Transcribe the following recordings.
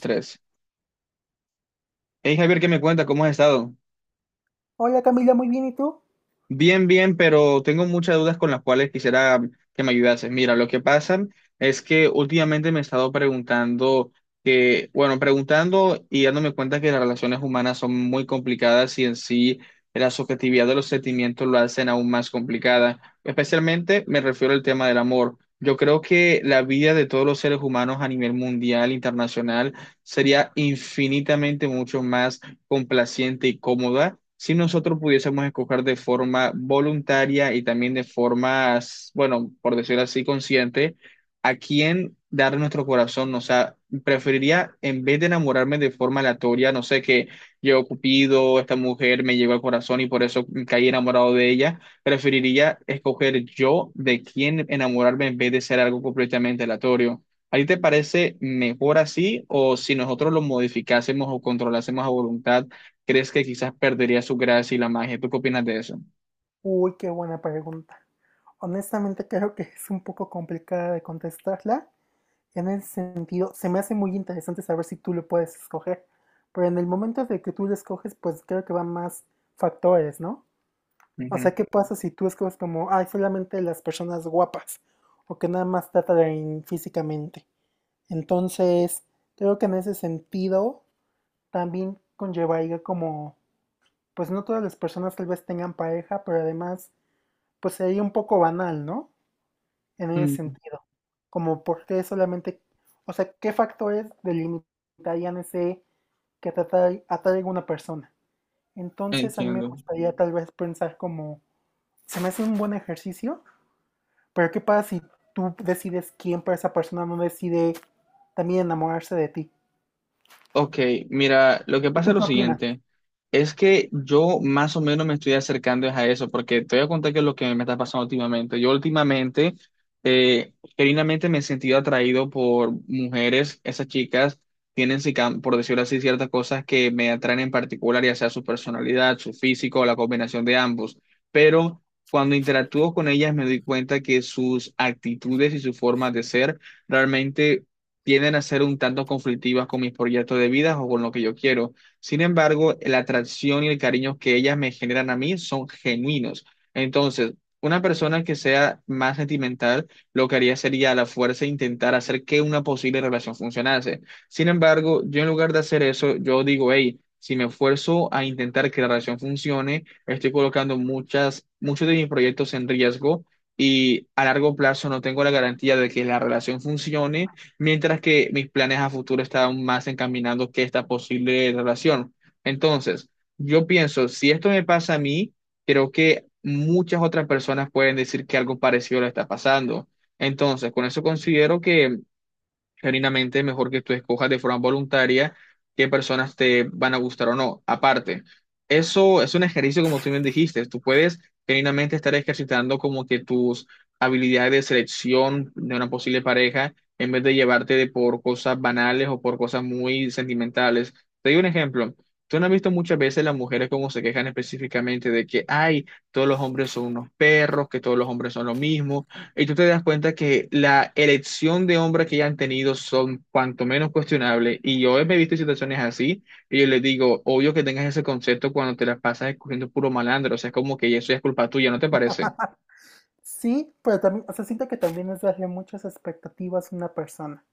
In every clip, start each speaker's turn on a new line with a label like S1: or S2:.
S1: Tres. Hey Javier, ¿qué me cuenta? ¿Cómo has estado?
S2: Hola Camila, muy bien, ¿y tú?
S1: Bien, bien, pero tengo muchas dudas con las cuales quisiera que me ayudases. Mira, lo que pasa es que últimamente me he estado preguntando que, bueno, preguntando y dándome cuenta que las relaciones humanas son muy complicadas y en sí la subjetividad de los sentimientos lo hacen aún más complicada. Especialmente me refiero al tema del amor. Yo creo que la vida de todos los seres humanos a nivel mundial, internacional, sería infinitamente mucho más complaciente y cómoda si nosotros pudiésemos escoger de forma voluntaria y también de forma, bueno, por decirlo así, consciente, a quién dar nuestro corazón. O sea, preferiría, en vez de enamorarme de forma aleatoria, no sé, que llegó Cupido, esta mujer me llegó al corazón y por eso caí enamorado de ella, preferiría escoger yo de quién enamorarme en vez de ser algo completamente aleatorio. ¿Ahí te parece mejor así o si nosotros lo modificásemos o controlásemos a voluntad, crees que quizás perdería su gracia y la magia? ¿Tú qué opinas de eso?
S2: Uy, qué buena pregunta. Honestamente creo que es un poco complicada de contestarla. En el sentido, se me hace muy interesante saber si tú lo puedes escoger. Pero en el momento de que tú lo escoges, pues creo que van más factores, ¿no? O
S1: Ujú.
S2: sea, ¿qué pasa si tú escoges como, ay, solamente las personas guapas? O que nada más te atraen físicamente. Entonces, creo que en ese sentido también conllevaría como, pues no todas las personas tal vez tengan pareja, pero además pues sería un poco banal, ¿no? En ese
S1: Mm.
S2: sentido. Como por qué solamente, o sea, qué factores delimitarían ese que atrae, atrae a una persona. Entonces a mí me
S1: Entiendo.
S2: gustaría tal vez pensar como, se me hace un buen ejercicio, pero ¿qué pasa si tú decides quién para esa persona no decide también enamorarse de ti?
S1: Ok, mira, lo que pasa es
S2: ¿Tú
S1: lo
S2: qué opinas?
S1: siguiente, es que yo más o menos me estoy acercando es a eso, porque te voy a contar qué es lo que me está pasando últimamente. Yo últimamente, genuinamente me he sentido atraído por mujeres, esas chicas tienen, si cam- por decirlo así, ciertas cosas que me atraen en particular, ya sea su personalidad, su físico o la combinación de ambos, pero cuando interactúo con ellas me doy cuenta que sus actitudes y su forma de ser realmente tienden a ser un tanto conflictivas con mis proyectos de vida o con lo que yo quiero. Sin embargo, la atracción y el cariño que ellas me generan a mí son genuinos. Entonces, una persona que sea más sentimental, lo que haría sería a la fuerza intentar hacer que una posible relación funcionase. Sin embargo, yo en lugar de hacer eso, yo digo, hey, si me esfuerzo a intentar que la relación funcione, estoy colocando muchos de mis proyectos en riesgo. Y a largo plazo no tengo la garantía de que la relación funcione mientras que mis planes a futuro estaban más encaminados que esta posible relación. Entonces, yo pienso, si esto me pasa a mí, creo que muchas otras personas pueden decir que algo parecido le está pasando. Entonces, con eso considero que genuinamente mejor que tú escojas de forma voluntaria qué personas te van a gustar o no. Aparte, eso es un ejercicio como tú bien dijiste, tú puedes genuinamente estar ejercitando como que tus habilidades de selección de una posible pareja en vez de llevarte de por cosas banales o por cosas muy sentimentales. Te doy un ejemplo. Tú no has visto muchas veces las mujeres como se quejan específicamente de que, ay, todos los hombres son unos perros, que todos los hombres son lo mismo, y tú te das cuenta que la elección de hombres que ya han tenido son cuanto menos cuestionables. Y yo me he visto en situaciones así y yo les digo, obvio que tengas ese concepto cuando te las pasas escogiendo puro malandro. O sea, es como que eso ya es culpa tuya, ¿no te parece?
S2: Sí, pero también, o sea, siento que también es darle muchas expectativas a una persona.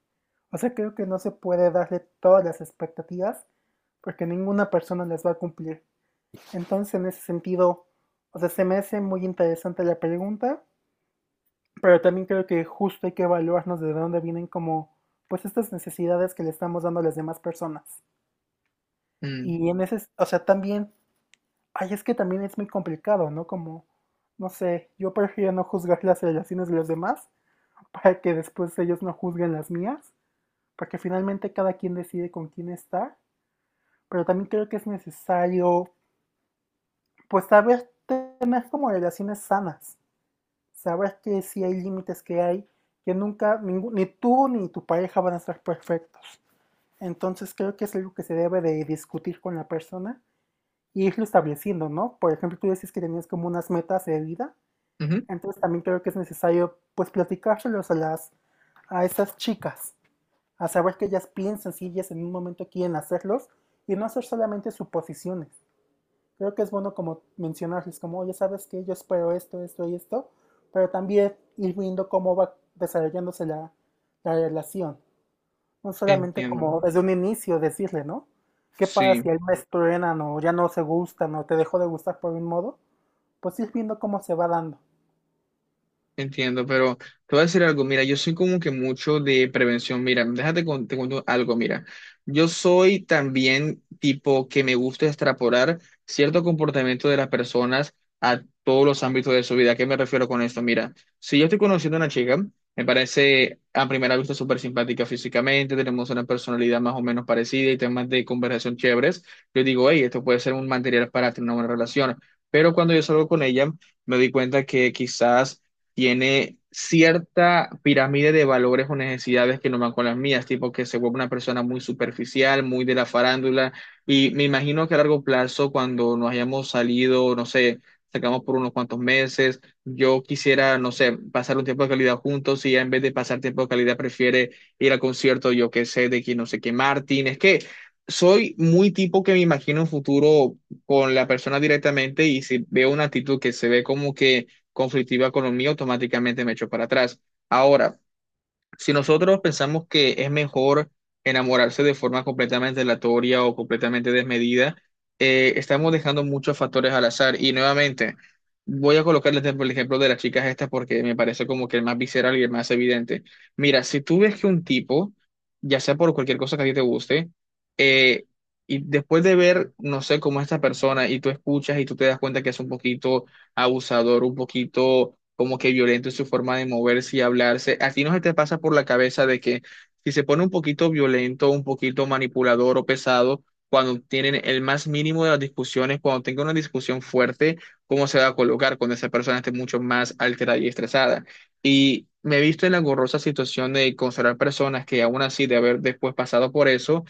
S2: O sea, creo que no se puede darle todas las expectativas porque ninguna persona les va a cumplir. Entonces, en ese sentido, o sea, se me hace muy interesante la pregunta, pero también creo que justo hay que evaluarnos de dónde vienen como, pues, estas necesidades que le estamos dando a las demás personas.
S1: Mm,
S2: Y en ese, o sea, también, ay, es que también es muy complicado, ¿no? Como, no sé, yo prefiero no juzgar las relaciones de los demás para que después ellos no juzguen las mías, porque finalmente cada quien decide con quién estar, pero también creo que es necesario pues saber tener como relaciones sanas, saber que sí hay límites que hay, que nunca, ni tú ni tu pareja van a ser perfectos. Entonces creo que es algo que se debe de discutir con la persona y irlo estableciendo, ¿no? Por ejemplo, tú decís que tenías como unas metas de vida,
S1: ujú.
S2: entonces también creo que es necesario pues platicárselos a a esas chicas, a saber que ellas piensan si ellas en un momento quieren hacerlos y no hacer solamente suposiciones. Creo que es bueno como mencionarles, como, oye, ¿sabes que yo espero esto, esto y esto, pero también ir viendo cómo va desarrollándose la relación? No solamente
S1: Entiendo.
S2: como desde un inicio decirle, ¿no? ¿Qué pasa
S1: Sí.
S2: si ahí me truenan o ya no se gustan o te dejó de gustar por un modo? Pues ir viendo cómo se va dando.
S1: Entiendo, pero te voy a decir algo, mira, yo soy como que mucho de prevención, mira, te cuento algo, mira, yo soy también tipo que me gusta extrapolar cierto comportamiento de las personas a todos los ámbitos de su vida. ¿A qué me refiero con esto? Mira, si yo estoy conociendo a una chica, me parece a primera vista súper simpática físicamente, tenemos una personalidad más o menos parecida y temas de conversación chéveres, yo digo, hey, esto puede ser un material para tener una buena relación, pero cuando yo salgo con ella, me di cuenta que quizás tiene cierta pirámide de valores o necesidades que no van con las mías, tipo que se vuelve una persona muy superficial, muy de la farándula, y me imagino que a largo plazo, cuando nos hayamos salido, no sé, sacamos por unos cuantos meses, yo quisiera, no sé, pasar un tiempo de calidad juntos y ella en vez de pasar tiempo de calidad prefiere ir al concierto, yo qué sé, de quién no sé qué, Martín, es que... Soy muy tipo que me imagino un futuro con la persona directamente y si veo una actitud que se ve como que conflictiva con lo mío, automáticamente me echo para atrás. Ahora, si nosotros pensamos que es mejor enamorarse de forma completamente aleatoria o completamente desmedida, estamos dejando muchos factores al azar. Y nuevamente, voy a colocarles el ejemplo de las chicas estas porque me parece como que el más visceral y el más evidente. Mira, si tú ves que un tipo, ya sea por cualquier cosa que a ti te guste, eh, y después de ver, no sé, cómo esta persona y tú escuchas y tú te das cuenta que es un poquito abusador, un poquito como que violento en su forma de moverse y hablarse. ¿A ti no se te pasa por la cabeza de que si se pone un poquito violento, un poquito manipulador o pesado, cuando tienen el más mínimo de las discusiones, cuando tenga una discusión fuerte, cómo se va a colocar cuando esa persona esté mucho más alterada y estresada? Y me he visto en la gorrosa situación de considerar personas que aún así de haber después pasado por eso,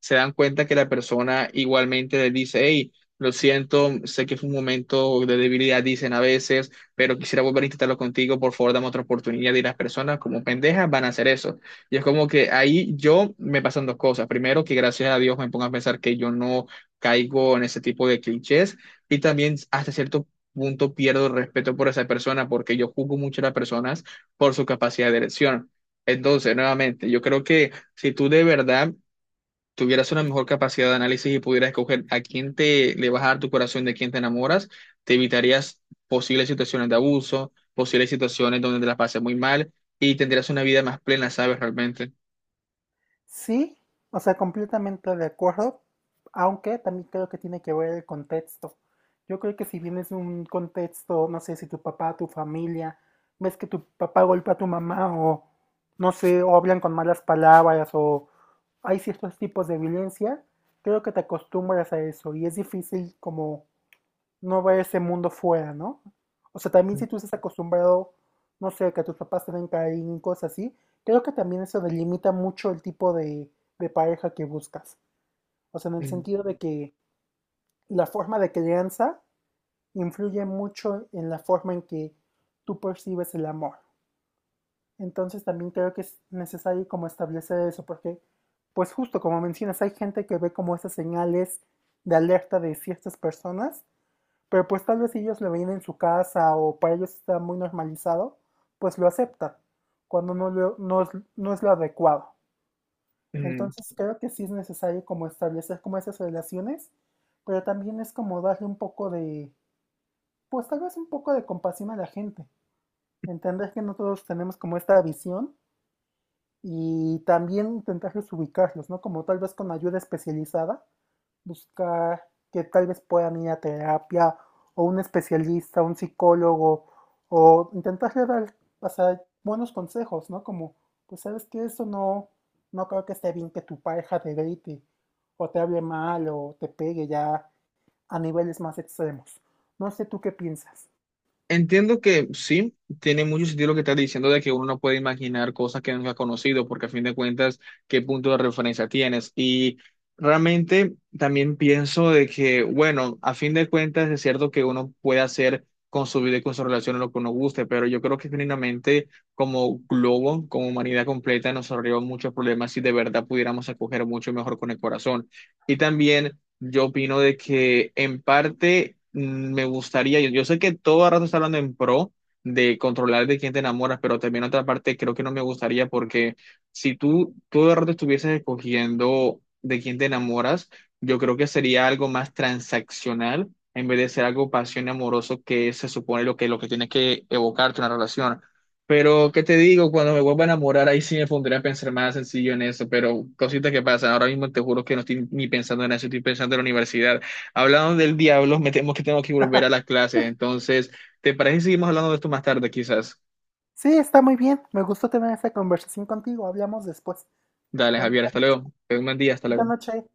S1: se dan cuenta que la persona igualmente le dice, hey, lo siento, sé que fue un momento de debilidad, dicen a veces, pero quisiera volver a intentarlo contigo. Por favor, dame otra oportunidad. Y las personas, como pendejas, van a hacer eso. Y es como que ahí yo me pasan dos cosas. Primero, que gracias a Dios me pongo a pensar que yo no caigo en ese tipo de clichés. Y también, hasta cierto punto, pierdo el respeto por esa persona, porque yo juzgo mucho a las personas por su capacidad de elección. Entonces, nuevamente, yo creo que si tú de verdad tuvieras una mejor capacidad de análisis y pudieras escoger a quién te le vas a dar tu corazón, de quién te enamoras, te evitarías posibles situaciones de abuso, posibles situaciones donde te las pases muy mal y tendrías una vida más plena, ¿sabes? Realmente.
S2: Sí, o sea, completamente de acuerdo, aunque también creo que tiene que ver el contexto. Yo creo que si vienes de un contexto, no sé, si tu papá, tu familia, ves que tu papá golpea a tu mamá o no sé, o hablan con malas palabras o hay ciertos tipos de violencia, creo que te acostumbras a eso y es difícil como no ver ese mundo fuera, ¿no? O sea, también si tú estás acostumbrado, no sé, que tus papás te den caer en cosas así, creo que también eso delimita mucho el tipo de pareja que buscas. O sea, en el
S1: Mm,
S2: sentido de que la forma de crianza influye mucho en la forma en que tú percibes el amor. Entonces también creo que es necesario como establecer eso, porque pues justo como mencionas, hay gente que ve como esas señales de alerta de ciertas personas pero pues tal vez si ellos lo veían en su casa o para ellos está muy normalizado, pues lo aceptan cuando no, no es, no es lo adecuado.
S1: mm.
S2: Entonces creo que sí es necesario como establecer como esas relaciones, pero también es como darle un poco de, pues tal vez un poco de compasión a la gente, entender que no todos tenemos como esta visión y también intentar ubicarlos, ¿no? Como tal vez con ayuda especializada, buscar que tal vez puedan ir a terapia o un especialista, un psicólogo, o intentarle dar, o sea, buenos consejos, ¿no? Como, pues sabes que eso no, no creo que esté bien que tu pareja te grite o te hable mal o te pegue ya a niveles más extremos. No sé tú qué piensas.
S1: Entiendo que sí, tiene mucho sentido lo que estás diciendo de que uno no puede imaginar cosas que nunca ha conocido, porque a fin de cuentas, ¿qué punto de referencia tienes? Y realmente también pienso de que, bueno, a fin de cuentas es cierto que uno puede hacer con su vida y con su relación lo que uno guste, pero yo creo que genuinamente como globo, como humanidad completa, nos ahorró muchos problemas si de verdad pudiéramos acoger mucho mejor con el corazón. Y también... Yo opino de que en parte, me gustaría, yo sé que todo el rato está hablando en pro de controlar de quién te enamoras, pero también otra parte creo que no me gustaría porque si tú todo el rato estuvieses escogiendo de quién te enamoras, yo creo que sería algo más transaccional en vez de ser algo pasión y amoroso que se supone lo que tiene que evocarte una relación. Pero, ¿qué te digo? Cuando me vuelva a enamorar, ahí sí me pondré a pensar más sencillo en eso, pero cositas que pasan. Ahora mismo te juro que no estoy ni pensando en eso, estoy pensando en la universidad. Hablando del diablo, me temo que tengo que volver a las clases. Entonces, ¿te parece si seguimos hablando de esto más tarde, quizás?
S2: Sí, está muy bien. Me gustó tener esta conversación contigo. Hablamos después.
S1: Dale,
S2: Buenas
S1: Javier, hasta
S2: noches.
S1: luego. Ten un buen día, hasta
S2: Buena
S1: luego.
S2: noche.